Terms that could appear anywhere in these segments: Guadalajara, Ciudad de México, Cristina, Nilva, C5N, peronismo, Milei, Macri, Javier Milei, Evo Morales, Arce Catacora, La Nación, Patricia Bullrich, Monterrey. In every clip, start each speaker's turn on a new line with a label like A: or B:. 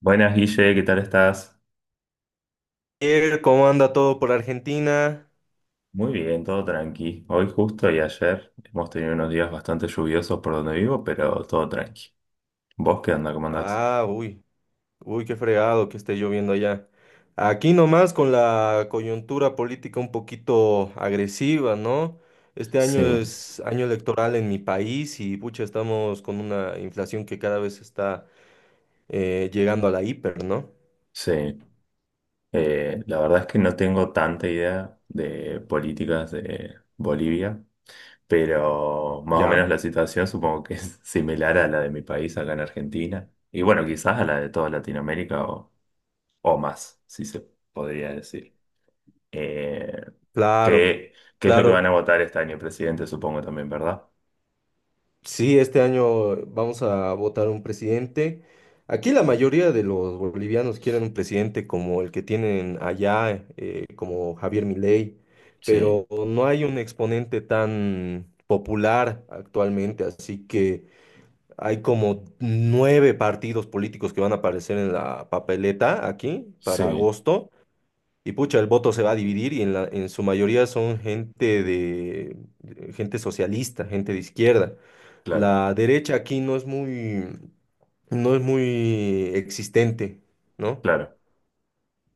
A: Buenas, Guille, ¿qué tal estás?
B: Javier, ¿cómo anda todo por Argentina?
A: Muy bien, todo tranqui. Hoy justo y ayer hemos tenido unos días bastante lluviosos por donde vivo, pero todo tranqui. ¿Vos qué onda? ¿Cómo andás?
B: Ah, uy, Qué fregado que esté lloviendo allá. Aquí nomás con la coyuntura política un poquito agresiva, ¿no? Este año
A: Sí,
B: es año electoral en mi país y pucha, estamos con una inflación que cada vez está llegando a la hiper, ¿no?
A: sí. La verdad es que no tengo tanta idea de políticas de Bolivia, pero más o
B: Ya,
A: menos la situación supongo que es similar a la de mi país acá en Argentina. Y bueno, quizás a la de toda Latinoamérica o más, si se podría decir. Eh,
B: claro,
A: ¿qué, qué es lo que van a
B: claro.
A: votar este año, presidente, supongo también, ¿verdad?
B: Sí, este año vamos a votar un presidente. Aquí la
A: Ujú.
B: mayoría de los bolivianos quieren un presidente como el que tienen allá, como Javier Milei,
A: Sí,
B: pero no hay un exponente tan popular actualmente, así que hay como 9 partidos políticos que van a aparecer en la papeleta aquí para
A: sí,
B: agosto. Y pucha, el voto se va a dividir y en su mayoría son gente de, gente socialista, gente de izquierda.
A: claro,
B: La derecha aquí no es muy, no es muy existente, ¿no?
A: claro.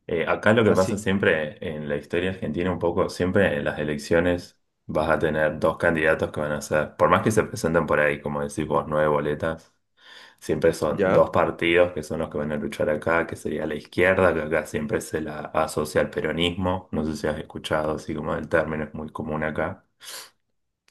A: Acá lo que pasa
B: Así,
A: siempre en la historia argentina un poco, siempre en las elecciones vas a tener dos candidatos que van a ser, por más que se presenten por ahí, como decís vos, nueve boletas, siempre son dos
B: ya.
A: partidos que son los que van a luchar acá, que sería la izquierda, que acá siempre se la asocia al peronismo, no sé si has escuchado, así como el término es muy común acá.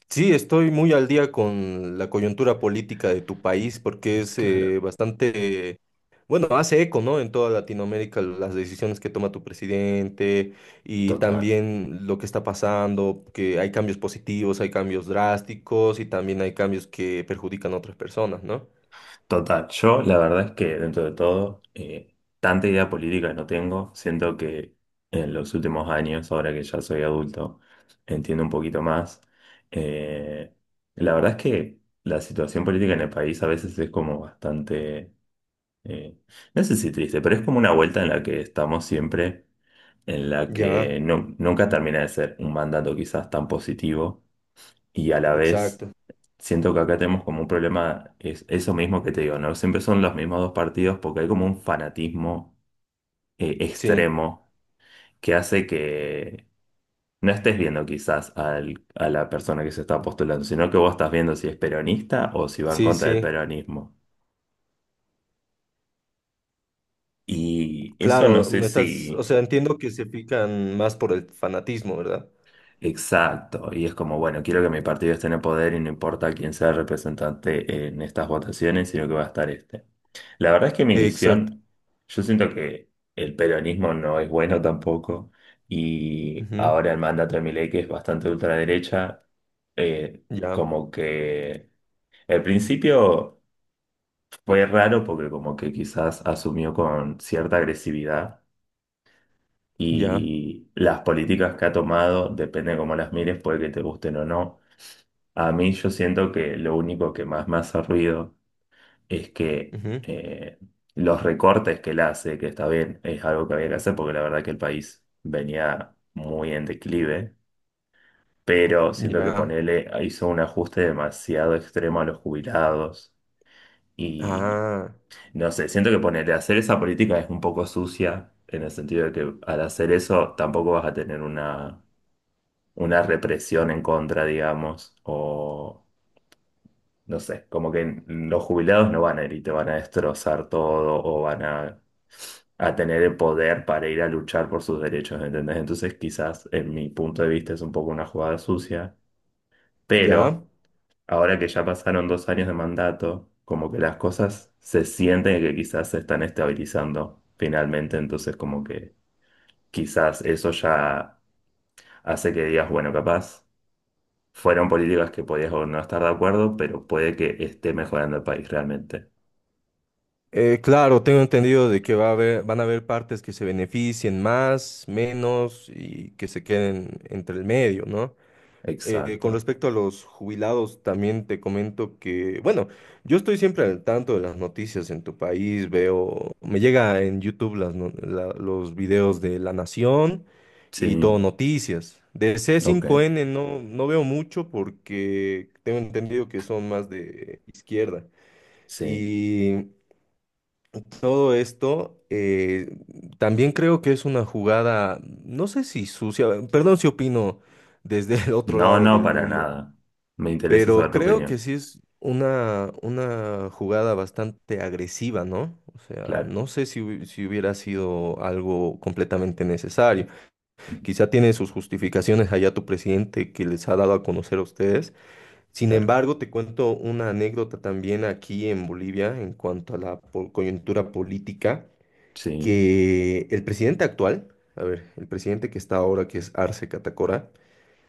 B: Sí, estoy muy al día con la coyuntura política de tu país porque es
A: Claro,
B: bastante, bueno, hace eco, ¿no? En toda Latinoamérica las decisiones que toma tu presidente y
A: total.
B: también lo que está pasando, que hay cambios positivos, hay cambios drásticos y también hay cambios que perjudican a otras personas, ¿no?
A: Total, yo la verdad es que dentro de todo, tanta idea política no tengo. Siento que en los últimos años, ahora que ya soy adulto, entiendo un poquito más. Eh, la verdad es que la situación política en el país a veces es como bastante, eh, no sé si triste, pero es como una vuelta en la que estamos siempre, en la
B: Ya,
A: que nunca termina de ser un mandato quizás tan positivo y a la vez
B: exacto.
A: siento que acá tenemos como un problema, es eso mismo que te digo, ¿no? Siempre son los mismos dos partidos porque hay como un fanatismo
B: Sí,
A: extremo que hace que no estés viendo quizás a la persona que se está postulando, sino que vos estás viendo si es peronista o si va en
B: sí,
A: contra del
B: sí.
A: peronismo. Y eso no
B: Claro,
A: sé
B: me estás, o
A: si...
B: sea, entiendo que se fijan más por el fanatismo, ¿verdad?
A: Exacto, y es como, bueno, quiero que mi partido esté en el poder y no importa quién sea el representante en estas votaciones, sino que va a estar este. La verdad es que mi
B: Exacto.
A: visión, yo siento que el peronismo no es bueno tampoco, y
B: Ujú,
A: ahora el mandato de Milei, que es bastante ultraderecha, eh,
B: ya,
A: como que al principio fue raro porque como que quizás asumió con cierta agresividad.
B: ya,
A: Y las políticas que ha tomado, depende de cómo las mires, puede que te gusten o no. A mí yo siento que lo único que más me hace ruido es que
B: ujú,
A: los recortes que él hace, que está bien, es algo que había que hacer porque la verdad que el país venía muy en declive, pero siento que
B: ya.
A: ponerle hizo un ajuste demasiado extremo a los jubilados y
B: Ah,
A: no sé, siento que ponerle hacer esa política es un poco sucia en el sentido de que al hacer eso tampoco vas a tener una, represión en contra, digamos, o no sé, como que los jubilados no van a ir y te van a destrozar todo o van a tener el poder para ir a luchar por sus derechos, ¿entendés? Entonces quizás en mi punto de vista es un poco una jugada sucia,
B: ya.
A: pero ahora que ya pasaron 2 años de mandato, como que las cosas se sienten que quizás se están estabilizando finalmente, entonces como que quizás eso ya hace que digas, bueno, capaz. Fueron políticas que podías o no estar de acuerdo, pero puede que esté mejorando el país realmente.
B: Claro, tengo entendido de que va a haber, van a haber partes que se beneficien más, menos y que se queden entre el medio, ¿no?
A: Exacto.
B: Con respecto a los jubilados, también te comento que, bueno, yo estoy siempre al tanto de las noticias en tu país, veo, me llega en YouTube las los videos de La Nación y todo
A: Sí,
B: noticias. De
A: ok,
B: C5N no, no veo mucho porque tengo entendido que son más de izquierda.
A: sí.
B: Y todo esto también creo que es una jugada, no sé si sucia, perdón si opino desde el otro
A: No,
B: lado
A: no,
B: del
A: para
B: mundo.
A: nada. Me interesa saber
B: Pero
A: tu
B: creo que
A: opinión.
B: sí es una jugada bastante agresiva, ¿no? O sea,
A: Claro,
B: no sé si, si hubiera sido algo completamente necesario.
A: ujú,
B: Quizá tiene sus justificaciones allá tu presidente que les ha dado a conocer a ustedes. Sin
A: claro,
B: embargo, te cuento una anécdota también aquí en Bolivia en cuanto a la coyuntura política,
A: sí.
B: que el presidente actual, a ver, el presidente que está ahora, que es Arce Catacora,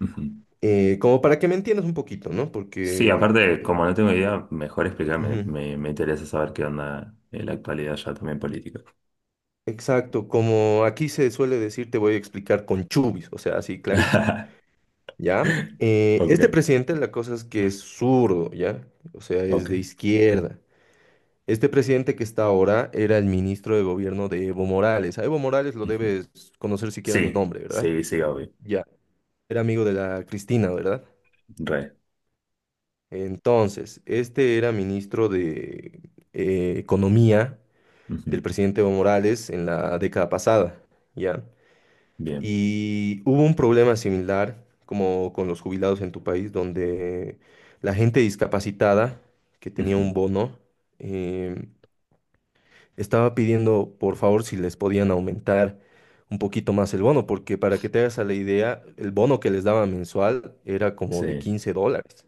A: Ujú.
B: como para que me entiendas un poquito, ¿no?
A: Sí,
B: Porque...
A: aparte, como no tengo idea, mejor explícame.
B: ujú.
A: Me interesa saber qué onda en la actualidad ya también política.
B: Exacto, como aquí se suele decir, te voy a explicar con chubis, o sea, así clarito, ¿ya? Este
A: Ok,
B: presidente, la cosa es que es zurdo, ¿ya? O sea, es
A: ok.
B: de izquierda. Este presidente que está ahora era el ministro de gobierno de Evo Morales. A Evo Morales lo
A: Ujú.
B: debes conocer siquiera el
A: Sí,
B: nombre, ¿verdad?
A: sí, sí, obvio.
B: Ya, era amigo de la Cristina, ¿verdad?
A: Re.
B: Entonces, este era ministro de Economía del
A: Ujú.
B: presidente Evo Morales en la década pasada, ¿ya?
A: Bien.
B: Y hubo un problema similar como con los jubilados en tu país, donde la gente discapacitada que tenía
A: Ujú.
B: un bono eh, estaba pidiendo por favor si les podían aumentar un poquito más el bono, porque para que te hagas a la idea, el bono que les daba mensual era como de
A: Sí,
B: 15 dólares.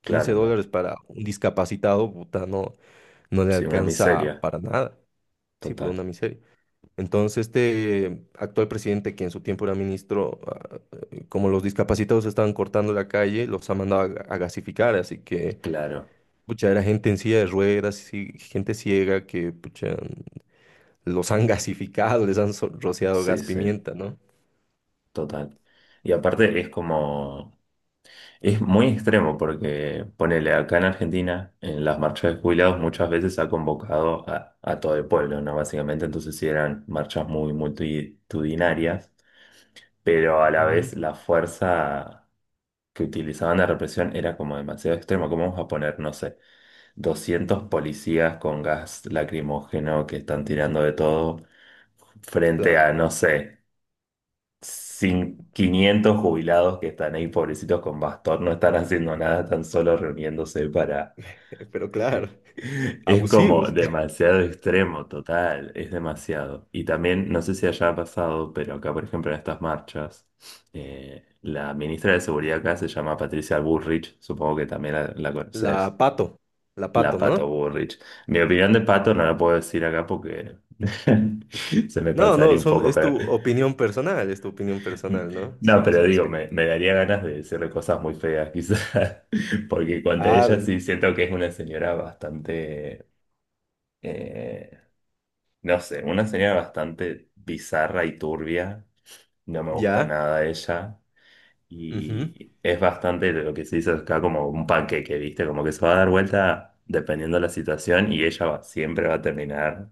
B: quince
A: claro, no.
B: dólares para un discapacitado, puta, no, no le
A: Sí, una
B: alcanza
A: miseria.
B: para nada. Sí, por
A: Total.
B: una miseria. Entonces, este actual presidente, que en su tiempo era ministro, ah, como los discapacitados estaban cortando la calle, los ha mandado a gasificar, así que,
A: Claro.
B: pucha, era gente en silla de ruedas, y gente ciega que, pucha, los han gasificado, les han rociado
A: Sí,
B: gas
A: sí.
B: pimienta, ¿no?
A: Total. Y aparte es como, es muy extremo porque ponele acá en Argentina, en las marchas de jubilados muchas veces ha convocado a, todo el pueblo, ¿no? Básicamente, entonces sí eran marchas muy multitudinarias, pero a la
B: Ujú.
A: vez la fuerza que utilizaban de represión era como demasiado extrema. ¿Cómo vamos a poner, no sé, 200 policías con gas lacrimógeno que están tirando de todo frente
B: Claro,
A: a, no sé sin 500 jubilados que están ahí, pobrecitos con bastón, no están haciendo nada, están solo reuniéndose para...
B: pero claro,
A: Es como
B: abusivos.
A: demasiado extremo, total, es demasiado. Y también, no sé si allá ha pasado, pero acá, por ejemplo, en estas marchas, la ministra de Seguridad acá se llama Patricia Bullrich, supongo que también la,
B: La
A: conoces,
B: pato, la
A: la
B: pato, ¿no?
A: Pato Bullrich. Mi opinión de
B: La
A: Pato
B: pato.
A: no la puedo decir acá porque se me
B: No, no,
A: pasaría un
B: son,
A: poco,
B: es
A: pero
B: tu opinión personal, es tu opinión personal, ¿no?
A: no,
B: Siempre
A: pero
B: se
A: digo,
B: respeta.
A: me daría ganas de decirle cosas muy feas, quizás, porque cuanto a
B: Ah,
A: ella sí siento que es una señora bastante, eh, no sé, una señora bastante bizarra y turbia, no me gusta
B: ya.
A: nada ella, y es bastante lo que se dice acá como un panqueque, ¿viste? Como que se va a dar vuelta dependiendo de la situación y ella siempre va a terminar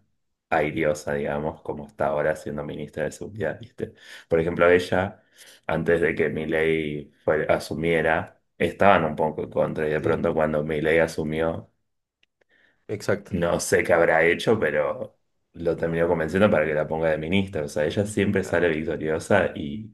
A: airiosa, digamos, como está ahora siendo ministra de Seguridad, ¿viste? Por ejemplo, ella, antes de que Milei asumiera, estaban un poco en contra y de
B: Sí,
A: pronto cuando Milei asumió,
B: exacto.
A: no sé qué habrá hecho, pero lo terminó convenciendo para que la ponga de ministra. O sea, ella siempre sale victoriosa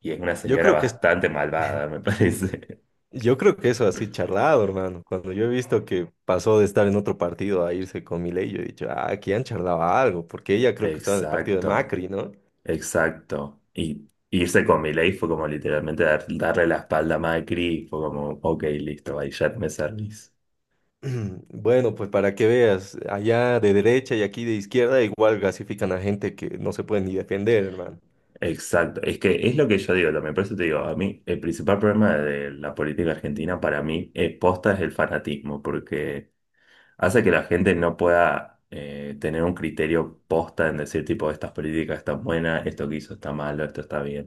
A: y es una
B: Yo
A: señora
B: creo que es,
A: bastante malvada, me parece.
B: yo creo que eso así charlado, hermano. Cuando yo he visto que pasó de estar en otro partido a irse con Milei, yo he dicho, ah, aquí han charlado algo, porque ella creo que estaba en el partido de
A: Exacto,
B: Macri, ¿no?
A: exacto. Y irse con Milei fue como literalmente darle la espalda a Macri, y fue como, ok, listo, ahí ya me servís.
B: Bueno, pues para que veas, allá de derecha y aquí de izquierda igual gasifican a gente que no se puede ni defender, hermano.
A: Exacto, es que es lo que yo digo también, por eso te digo, a mí el principal problema de la política argentina para mí es posta es el fanatismo, porque hace que la gente no pueda tener un criterio posta en decir tipo, estas políticas están buenas, esto que hizo está malo, esto está bien.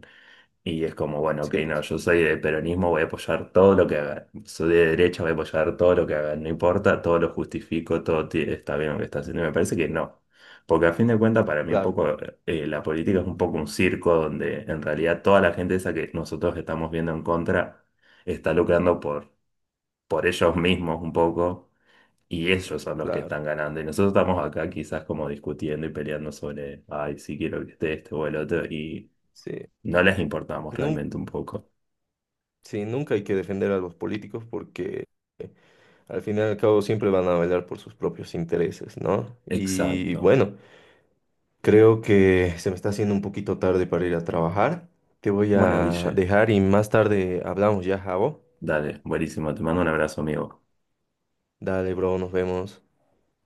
A: Y es como, bueno, ok,
B: Sí,
A: no,
B: pues,
A: yo soy de peronismo, voy a apoyar todo lo que haga. Soy de derecha, voy a apoyar todo lo que haga. No importa, todo lo justifico, todo está bien lo que está haciendo. Y me parece que no. Porque a fin de cuentas, para mí un
B: claro,
A: poco la política es un poco un circo donde en realidad toda la gente esa que nosotros estamos viendo en contra está lucrando por, ellos mismos un poco y ellos son los que
B: claro,
A: están ganando. Y nosotros estamos acá quizás como discutiendo y peleando sobre, ay, sí quiero que esté este o el otro y
B: sí.
A: no les importamos
B: Nun-
A: realmente un poco.
B: sí, nunca hay que defender a los políticos porque al final y al cabo siempre van a velar por sus propios intereses, ¿no? Y
A: Exacto.
B: bueno. Creo que se me está haciendo un poquito tarde para ir a trabajar. Te voy
A: Bueno,
B: a
A: Guille,
B: dejar y más tarde hablamos ya, Javo.
A: dale, buenísimo. Te mando un abrazo, amigo.
B: Dale, bro, nos vemos.